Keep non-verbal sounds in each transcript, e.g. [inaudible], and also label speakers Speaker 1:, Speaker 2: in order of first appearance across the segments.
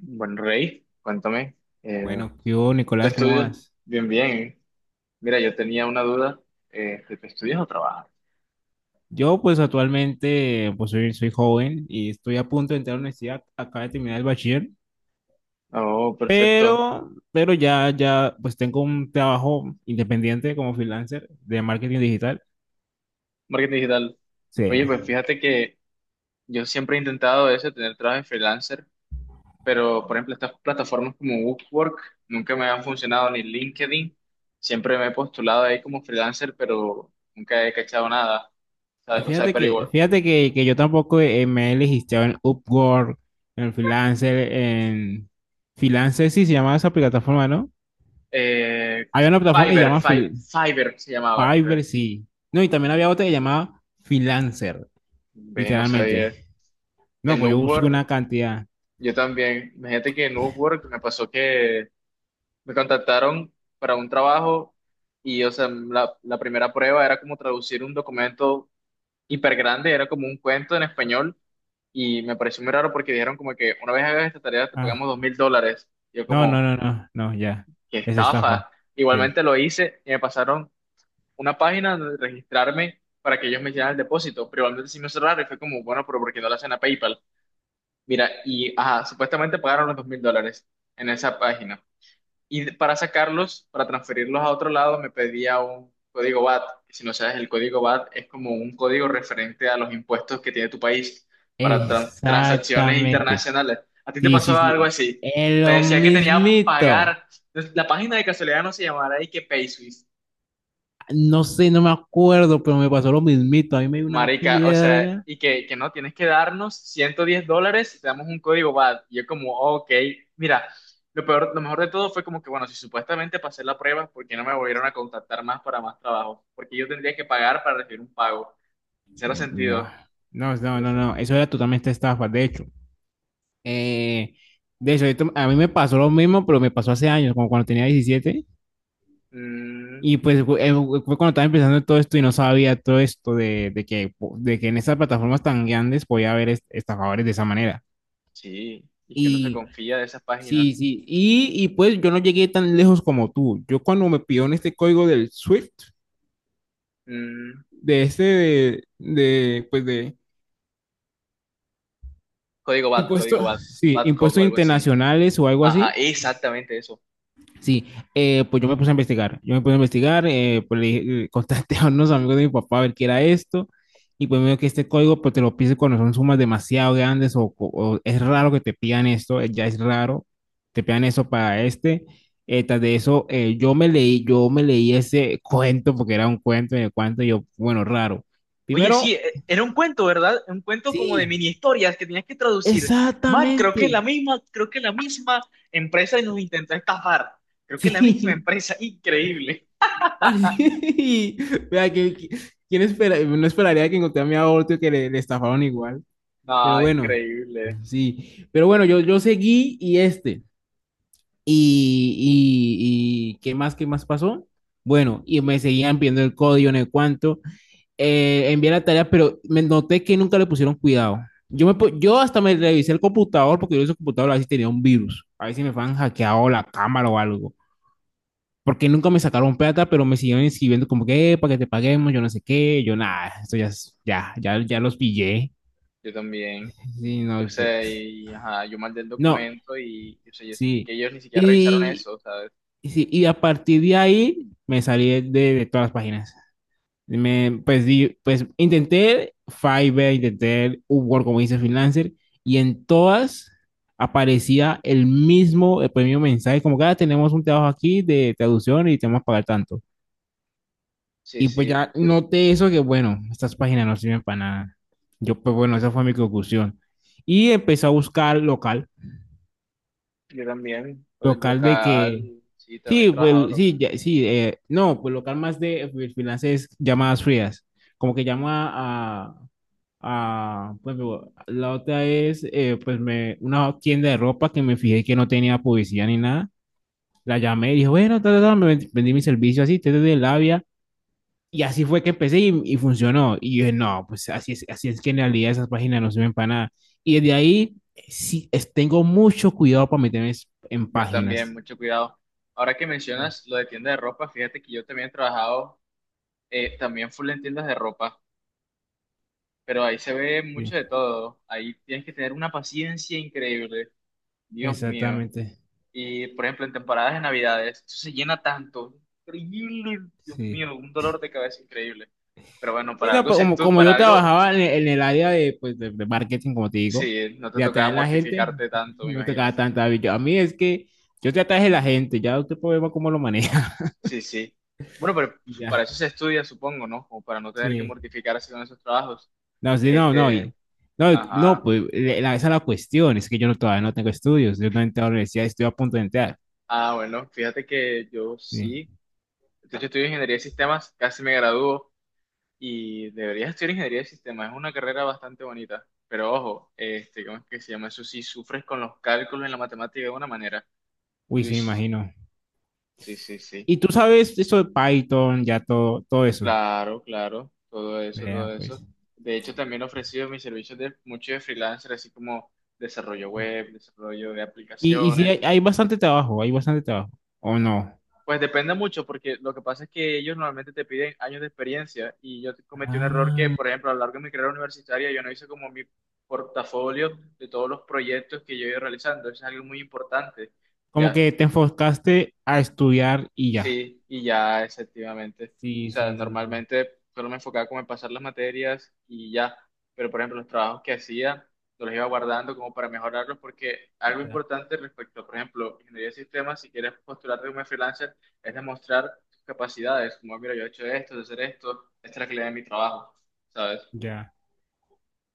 Speaker 1: Bueno, Rey, cuéntame, eh,
Speaker 2: Bueno, ¿qué hubo,
Speaker 1: ¿tú
Speaker 2: Nicolás? ¿Cómo
Speaker 1: estudias?
Speaker 2: vas?
Speaker 1: Bien, bien. Mira, yo tenía una duda, ¿tú estudias o trabajas?
Speaker 2: Yo, pues, actualmente, pues, soy joven y estoy a punto de entrar a la universidad. Acabo de terminar el bachiller,
Speaker 1: Oh, perfecto.
Speaker 2: pero ya, pues, tengo un trabajo independiente como freelancer de marketing digital.
Speaker 1: Marketing digital. Oye,
Speaker 2: Sí.
Speaker 1: pues fíjate que yo siempre he intentado eso, tener trabajo de freelancer, pero por ejemplo estas plataformas como Upwork nunca me han funcionado, ni LinkedIn. Siempre me he postulado ahí como freelancer, pero nunca he cachado nada, ¿sabes? O sea,
Speaker 2: Fíjate
Speaker 1: pero
Speaker 2: que,
Speaker 1: igual.
Speaker 2: fíjate que, que yo tampoco me he registrado en Upwork, en... Freelancer, sí, se llama esa plataforma, ¿no?
Speaker 1: Eh,
Speaker 2: Había una plataforma que se llama
Speaker 1: Fiverr se llamaba, creo.
Speaker 2: Fiverr, sí. No, y también había otra que se llamaba Freelancer.
Speaker 1: Ve, no sabía.
Speaker 2: Literalmente. No,
Speaker 1: En
Speaker 2: pues yo busco
Speaker 1: Upwork,
Speaker 2: una cantidad.
Speaker 1: yo también. Imagínate que en Upwork me pasó que me contactaron para un trabajo y, o sea, la primera prueba era como traducir un documento hiper grande, era como un cuento en español y me pareció muy raro porque dijeron como que una vez hagas esta tarea te
Speaker 2: Ah,
Speaker 1: pagamos $2000. Yo
Speaker 2: no, no,
Speaker 1: como,
Speaker 2: no, no, no, ya.
Speaker 1: qué
Speaker 2: Es estafa.
Speaker 1: estafa.
Speaker 2: Sí.
Speaker 1: Igualmente lo hice y me pasaron una página donde registrarme para que ellos me hicieran el depósito, pero igualmente sí me cerraron y fue como, bueno, pero ¿por qué no lo hacen a PayPal? Mira, y ajá, supuestamente pagaron los $2000 en esa página. Y para sacarlos, para transferirlos a otro lado, me pedía un código VAT. Si no sabes, el código VAT es como un código referente a los impuestos que tiene tu país para transacciones
Speaker 2: Exactamente.
Speaker 1: internacionales. ¿A ti te
Speaker 2: Sí, sí,
Speaker 1: pasó algo
Speaker 2: sí.
Speaker 1: así?
Speaker 2: Es
Speaker 1: Me
Speaker 2: lo
Speaker 1: decía que tenía que
Speaker 2: mismito.
Speaker 1: pagar. La página de casualidad no se llamará y que
Speaker 2: No sé, no me acuerdo, pero me pasó lo mismito. A mí me dio una
Speaker 1: Marica, o sea,
Speaker 2: piedra.
Speaker 1: y que no, tienes que darnos $110 y te damos un código VAT. Y yo como, "Oh, ok, mira, lo peor, lo mejor de todo fue como que, bueno, si supuestamente pasé la prueba, ¿por qué no me volvieron a contactar más para más trabajo? Porque yo tendría que pagar para recibir un pago. Cero
Speaker 2: No,
Speaker 1: sentido.
Speaker 2: no, no,
Speaker 1: Cero
Speaker 2: no,
Speaker 1: sen-
Speaker 2: no. Eso era totalmente estafa. De hecho, eh, a mí me pasó lo mismo, pero me pasó hace años, como cuando tenía 17.
Speaker 1: Mm,
Speaker 2: Y pues fue cuando estaba empezando todo esto y no sabía todo esto de que, de que en estas plataformas tan grandes podía haber estafadores de esa manera.
Speaker 1: sí, y que uno se
Speaker 2: Y
Speaker 1: confía de esas
Speaker 2: sí,
Speaker 1: páginas.
Speaker 2: sí, y pues yo no llegué tan lejos como tú. Yo cuando me pidieron este código del SWIFT,
Speaker 1: Mm,
Speaker 2: de este de pues de
Speaker 1: código VAT, código
Speaker 2: impuestos,
Speaker 1: VAT,
Speaker 2: sí,
Speaker 1: VAT code o D o
Speaker 2: impuestos
Speaker 1: algo así.
Speaker 2: internacionales o algo
Speaker 1: Ajá,
Speaker 2: así,
Speaker 1: exactamente eso.
Speaker 2: sí, pues yo me puse a investigar, pues [laughs] contacté a unos amigos de mi papá a ver qué era esto, y pues me dijo que este código pues te lo pide cuando son sumas demasiado grandes o es raro que te pidan esto, ya es raro, te pidan eso para este, tras de eso yo me leí ese [laughs] cuento porque era un cuento en el cuento, y yo, bueno, raro.
Speaker 1: Oye, sí,
Speaker 2: Primero,
Speaker 1: era un cuento, ¿verdad? Un cuento como de
Speaker 2: sí,
Speaker 1: mini historias que tenías que traducir. Man,
Speaker 2: exactamente,
Speaker 1: creo que es la misma empresa y nos intentó estafar. Creo que
Speaker 2: [laughs]
Speaker 1: es la misma
Speaker 2: sí.
Speaker 1: empresa, [laughs] increíble.
Speaker 2: [laughs] Y, vea, ¿quién espera? No esperaría que encontré a mi aborto que le estafaron igual. Pero
Speaker 1: No,
Speaker 2: bueno,
Speaker 1: increíble.
Speaker 2: sí. Pero bueno, yo seguí y este. Y, y ¿qué más pasó? Bueno, y me seguían pidiendo el código en el cuánto. Envié la tarea, pero me noté que nunca le pusieron cuidado. Yo hasta me revisé el computador porque yo ese computador a ver si tenía un virus. A ver si me habían hackeado la cámara o algo, porque nunca me sacaron plata, pero me siguieron escribiendo como que, para que te paguemos, yo no sé qué, yo nada, esto ya, ya, ya los pillé."
Speaker 1: Yo también.
Speaker 2: Sí,
Speaker 1: O
Speaker 2: no,
Speaker 1: sea, y, ajá, yo mandé el
Speaker 2: no,
Speaker 1: documento y, o sea, yo sentí que
Speaker 2: sí.
Speaker 1: ellos ni siquiera revisaron
Speaker 2: Y,
Speaker 1: eso, ¿sabes?
Speaker 2: y sí, y a partir de ahí me salí de todas las páginas. Pues intenté Fiverr, intenté Upwork, como dice freelancer, y en todas aparecía el mismo mensaje, como que "Ah, tenemos un trabajo aquí de traducción y te vamos a pagar tanto."
Speaker 1: Sí,
Speaker 2: Y pues
Speaker 1: sí,
Speaker 2: ya noté eso que, bueno, estas páginas no sirven para nada. Yo, pues bueno, esa fue mi conclusión. Y empecé a buscar local,
Speaker 1: yo también. Pues,
Speaker 2: local de que,
Speaker 1: local, sí, también he
Speaker 2: sí,
Speaker 1: trabajado
Speaker 2: pues
Speaker 1: local.
Speaker 2: sí, sí, no, pues local más de freelancers, llamadas frías, como que llama a pues digo, la otra es, pues me, una tienda de ropa que me fijé que no tenía publicidad ni nada, la llamé y dije, bueno, ta, ta, ta, me vendí, vendí mi servicio así, desde de labia. Y así fue que empecé y funcionó. Y yo dije, no, pues así es que en realidad esas páginas no sirven para nada. Y desde ahí sí, tengo mucho cuidado para meterme en
Speaker 1: Yo también,
Speaker 2: páginas.
Speaker 1: mucho cuidado. Ahora que mencionas lo de tienda de ropa, fíjate que yo también he trabajado, también full en tiendas de ropa, pero ahí se ve mucho
Speaker 2: Sí,
Speaker 1: de todo. Ahí tienes que tener una paciencia increíble, Dios mío.
Speaker 2: exactamente.
Speaker 1: Y por ejemplo, en temporadas de Navidades, eso se llena tanto, increíble, Dios
Speaker 2: Sí.
Speaker 1: mío, un dolor de cabeza increíble. Pero bueno,
Speaker 2: Y
Speaker 1: para
Speaker 2: no,
Speaker 1: algo,
Speaker 2: pues,
Speaker 1: si
Speaker 2: como,
Speaker 1: tú,
Speaker 2: como
Speaker 1: para
Speaker 2: yo
Speaker 1: algo,
Speaker 2: trabajaba en el área de, pues, de marketing, como te digo,
Speaker 1: sí, no te
Speaker 2: de
Speaker 1: tocaba
Speaker 2: atraer a la gente,
Speaker 1: mortificarte tanto, me
Speaker 2: no me
Speaker 1: imagino.
Speaker 2: tocaba tanta vida. A mí es que yo te atraje a la gente, ya usted puede ver cómo lo maneja.
Speaker 1: Sí, sí. Bueno, pero
Speaker 2: [laughs] Ya.
Speaker 1: para eso se estudia, supongo, ¿no? Como para no tener que
Speaker 2: Sí.
Speaker 1: mortificarse con esos trabajos.
Speaker 2: No, sí, no, no,
Speaker 1: Este,
Speaker 2: y- no, no,
Speaker 1: ajá.
Speaker 2: pues la, esa es la cuestión, es que yo no, todavía no tengo estudios, yo no he entrado a la universidad, estoy a punto de entrar.
Speaker 1: Ah, bueno, fíjate que yo
Speaker 2: Sí.
Speaker 1: sí. De hecho, estudio ingeniería de sistemas, casi me gradúo y deberías estudiar ingeniería de sistemas. Es una carrera bastante bonita, pero ojo, este, ¿cómo es que se llama eso? Si sufres con los cálculos en la matemática de una manera.
Speaker 2: Uy,
Speaker 1: Uy,
Speaker 2: sí, me imagino.
Speaker 1: sí, sí, sí.
Speaker 2: Y tú sabes eso de Python, ya todo, todo eso,
Speaker 1: Claro, claro, todo eso, todo
Speaker 2: vea,
Speaker 1: eso.
Speaker 2: pues.
Speaker 1: De hecho, también he ofrecido mis servicios de mucho de freelancer, así como desarrollo web, desarrollo de
Speaker 2: Y sí, hay,
Speaker 1: aplicaciones,
Speaker 2: hay bastante trabajo, ¿o no?
Speaker 1: pues depende mucho, porque lo que pasa es que ellos normalmente te piden años de experiencia y yo cometí un error que,
Speaker 2: Ah.
Speaker 1: por ejemplo, a lo largo de mi carrera universitaria yo no hice como mi portafolio de todos los proyectos que yo he ido realizando. Eso es algo muy importante,
Speaker 2: Como
Speaker 1: ya.
Speaker 2: que te enfocaste a estudiar y ya.
Speaker 1: Sí, y ya efectivamente. O
Speaker 2: Sí,
Speaker 1: sea,
Speaker 2: sí, sí, sí,
Speaker 1: normalmente solo me enfocaba como en pasar las materias y ya. Pero por ejemplo, los trabajos que hacía, los iba guardando como para mejorarlos, porque algo
Speaker 2: ya,
Speaker 1: importante respecto a, por ejemplo, ingeniería de sistemas, si quieres postularte como freelancer, es demostrar tus capacidades. Como, mira, yo he hecho esto, de hacer esto, esta es la calidad de mi trabajo, ¿sabes?
Speaker 2: ya,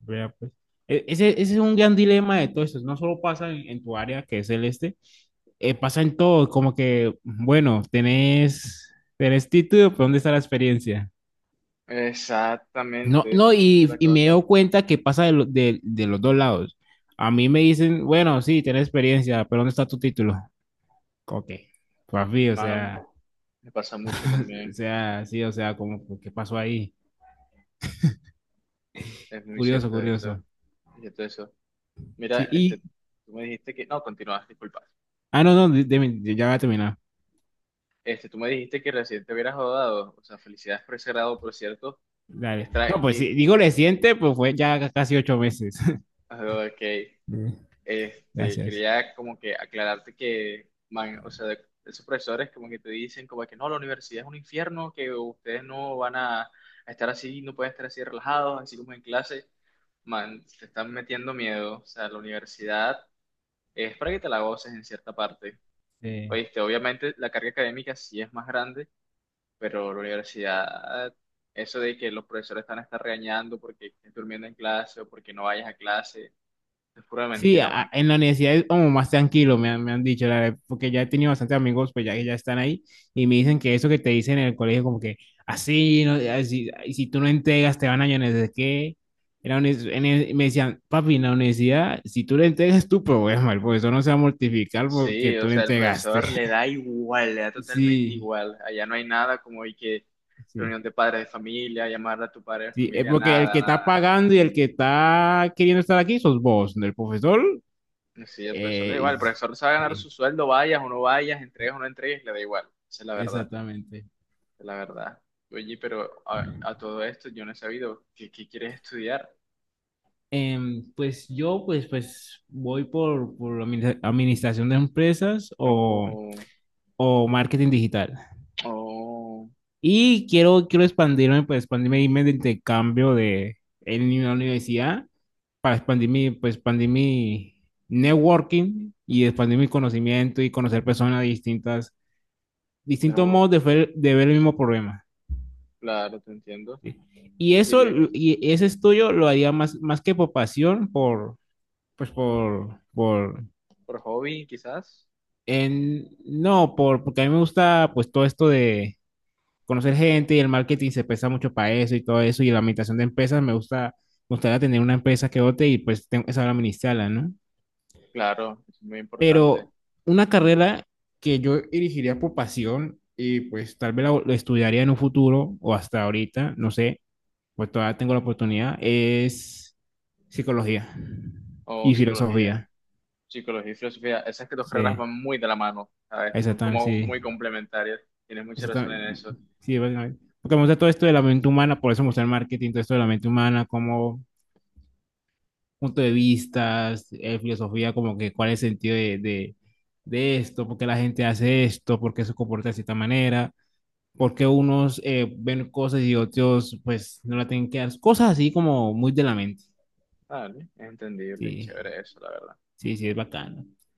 Speaker 2: vea, pues. Ese, ese es un gran dilema de todo esto, no solo pasa en tu área, que es el este, pasa en todo, como que, bueno, tenés, tenés título, pero ¿dónde está la experiencia? No,
Speaker 1: Exactamente. Esa
Speaker 2: no,
Speaker 1: es la
Speaker 2: y me he
Speaker 1: cosa.
Speaker 2: dado cuenta que pasa de, de los dos lados. A mí me dicen, bueno, sí, tenés experiencia, pero ¿dónde está tu título? Ok, papi, o
Speaker 1: Man,
Speaker 2: sea,
Speaker 1: me pasa mucho
Speaker 2: [laughs] o
Speaker 1: también.
Speaker 2: sea, sí, o sea, como, ¿qué pasó ahí?
Speaker 1: Es muy
Speaker 2: Curioso,
Speaker 1: cierto eso. Es
Speaker 2: curioso.
Speaker 1: cierto eso. Mira,
Speaker 2: Sí,
Speaker 1: este,
Speaker 2: y,
Speaker 1: tú me dijiste que, no, continúas, disculpa.
Speaker 2: ah, no, no, ya va a terminar.
Speaker 1: Este, tú me dijiste que recién te hubieras graduado, o sea, felicidades por ese grado, por cierto. Que
Speaker 2: Dale.
Speaker 1: está
Speaker 2: No, pues
Speaker 1: aquí,
Speaker 2: sí, digo reciente, pues fue ya casi 8 meses. [laughs]
Speaker 1: que
Speaker 2: Mm.
Speaker 1: este,
Speaker 2: Gracias.
Speaker 1: quería como que aclararte que, man, o sea, esos profesores como que te dicen como que no, la universidad es un infierno, que ustedes no van a estar así, no pueden estar así relajados, así como en clase. Man, te están metiendo miedo, o sea, la universidad es para que te la goces en cierta parte.
Speaker 2: Sí.
Speaker 1: Oíste, obviamente la carga académica sí es más grande, pero la universidad, eso de que los profesores están a estar regañando porque estés durmiendo en clase o porque no vayas a clase, es pura
Speaker 2: Sí,
Speaker 1: mentira, man.
Speaker 2: en la universidad es como más tranquilo, me han dicho, la verdad, porque ya he tenido bastantes amigos, pues ya que ya están ahí, y me dicen que eso que te dicen en el colegio, como que así, no, así, y si tú no entregas, te van a llamar, de qué. En la me decían, papi, en la universidad, si tú le entregas, es tu problema, el profesor no se va a mortificar porque
Speaker 1: Sí, o
Speaker 2: tú le
Speaker 1: sea, el
Speaker 2: entregaste.
Speaker 1: profesor le
Speaker 2: [laughs]
Speaker 1: da igual, le da totalmente
Speaker 2: Sí,
Speaker 1: igual. Allá no hay nada como hay que
Speaker 2: sí,
Speaker 1: reunión de padres de familia, llamar a tu padre de
Speaker 2: sí, es
Speaker 1: familia,
Speaker 2: porque el que
Speaker 1: nada, nada,
Speaker 2: está
Speaker 1: nada.
Speaker 2: pagando y el que está queriendo estar aquí sos vos, el profesor.
Speaker 1: No, sí, el profesor le da igual,
Speaker 2: eh,
Speaker 1: el profesor sabe ganar su
Speaker 2: sí,
Speaker 1: sueldo, vayas o no vayas, entregues o no entregues, le da igual. Esa es la verdad,
Speaker 2: exactamente.
Speaker 1: esa es la verdad. Oye, pero a todo esto yo no he sabido, ¿qué, qué quieres estudiar?
Speaker 2: Pues yo, pues, pues voy por administración de empresas
Speaker 1: No.
Speaker 2: o marketing digital.
Speaker 1: Oh,
Speaker 2: Y quiero, quiero expandirme, pues expandirme, irme de intercambio de, en una universidad para expandir mi, pues, expandir mi networking y expandir mi conocimiento y conocer personas distintas, distintos
Speaker 1: network.
Speaker 2: modos de ver el mismo problema.
Speaker 1: Claro, te entiendo.
Speaker 2: ¿Sí? Y eso,
Speaker 1: Diría que
Speaker 2: y ese estudio lo haría más, más que por pasión, por, pues por
Speaker 1: por hobby, quizás.
Speaker 2: No, por, porque a mí me gusta pues todo esto de conocer gente y el marketing se pesa mucho para eso y todo eso y la administración de empresas me gusta, me gustaría tener una empresa que vote y pues tengo, que saber administrarla, ¿no?
Speaker 1: Claro, es muy importante.
Speaker 2: Pero una carrera que yo elegiría por pasión y pues tal vez la, la estudiaría en un futuro o hasta ahorita, no sé, pues todavía tengo la oportunidad, es psicología
Speaker 1: O
Speaker 2: y
Speaker 1: psicología,
Speaker 2: filosofía.
Speaker 1: psicología y filosofía. Esas que dos carreras
Speaker 2: Sí,
Speaker 1: van muy de la mano, ¿sabes? Son
Speaker 2: exactamente,
Speaker 1: como muy
Speaker 2: sí.
Speaker 1: complementarias. Tienes mucha razón
Speaker 2: Exactamente.
Speaker 1: en eso.
Speaker 2: Sí, básicamente. Porque me gusta todo esto de la mente humana, por eso me gusta el marketing, todo esto de la mente humana, como punto de vistas, filosofía, como que cuál es el sentido de esto, por qué la gente hace esto, por qué se comporta de cierta manera, por qué unos ven cosas y otros pues no la tienen que dar, cosas así como muy de la mente.
Speaker 1: Vale, es entendible y
Speaker 2: Sí,
Speaker 1: chévere eso, la verdad.
Speaker 2: sí, sí, es bacano.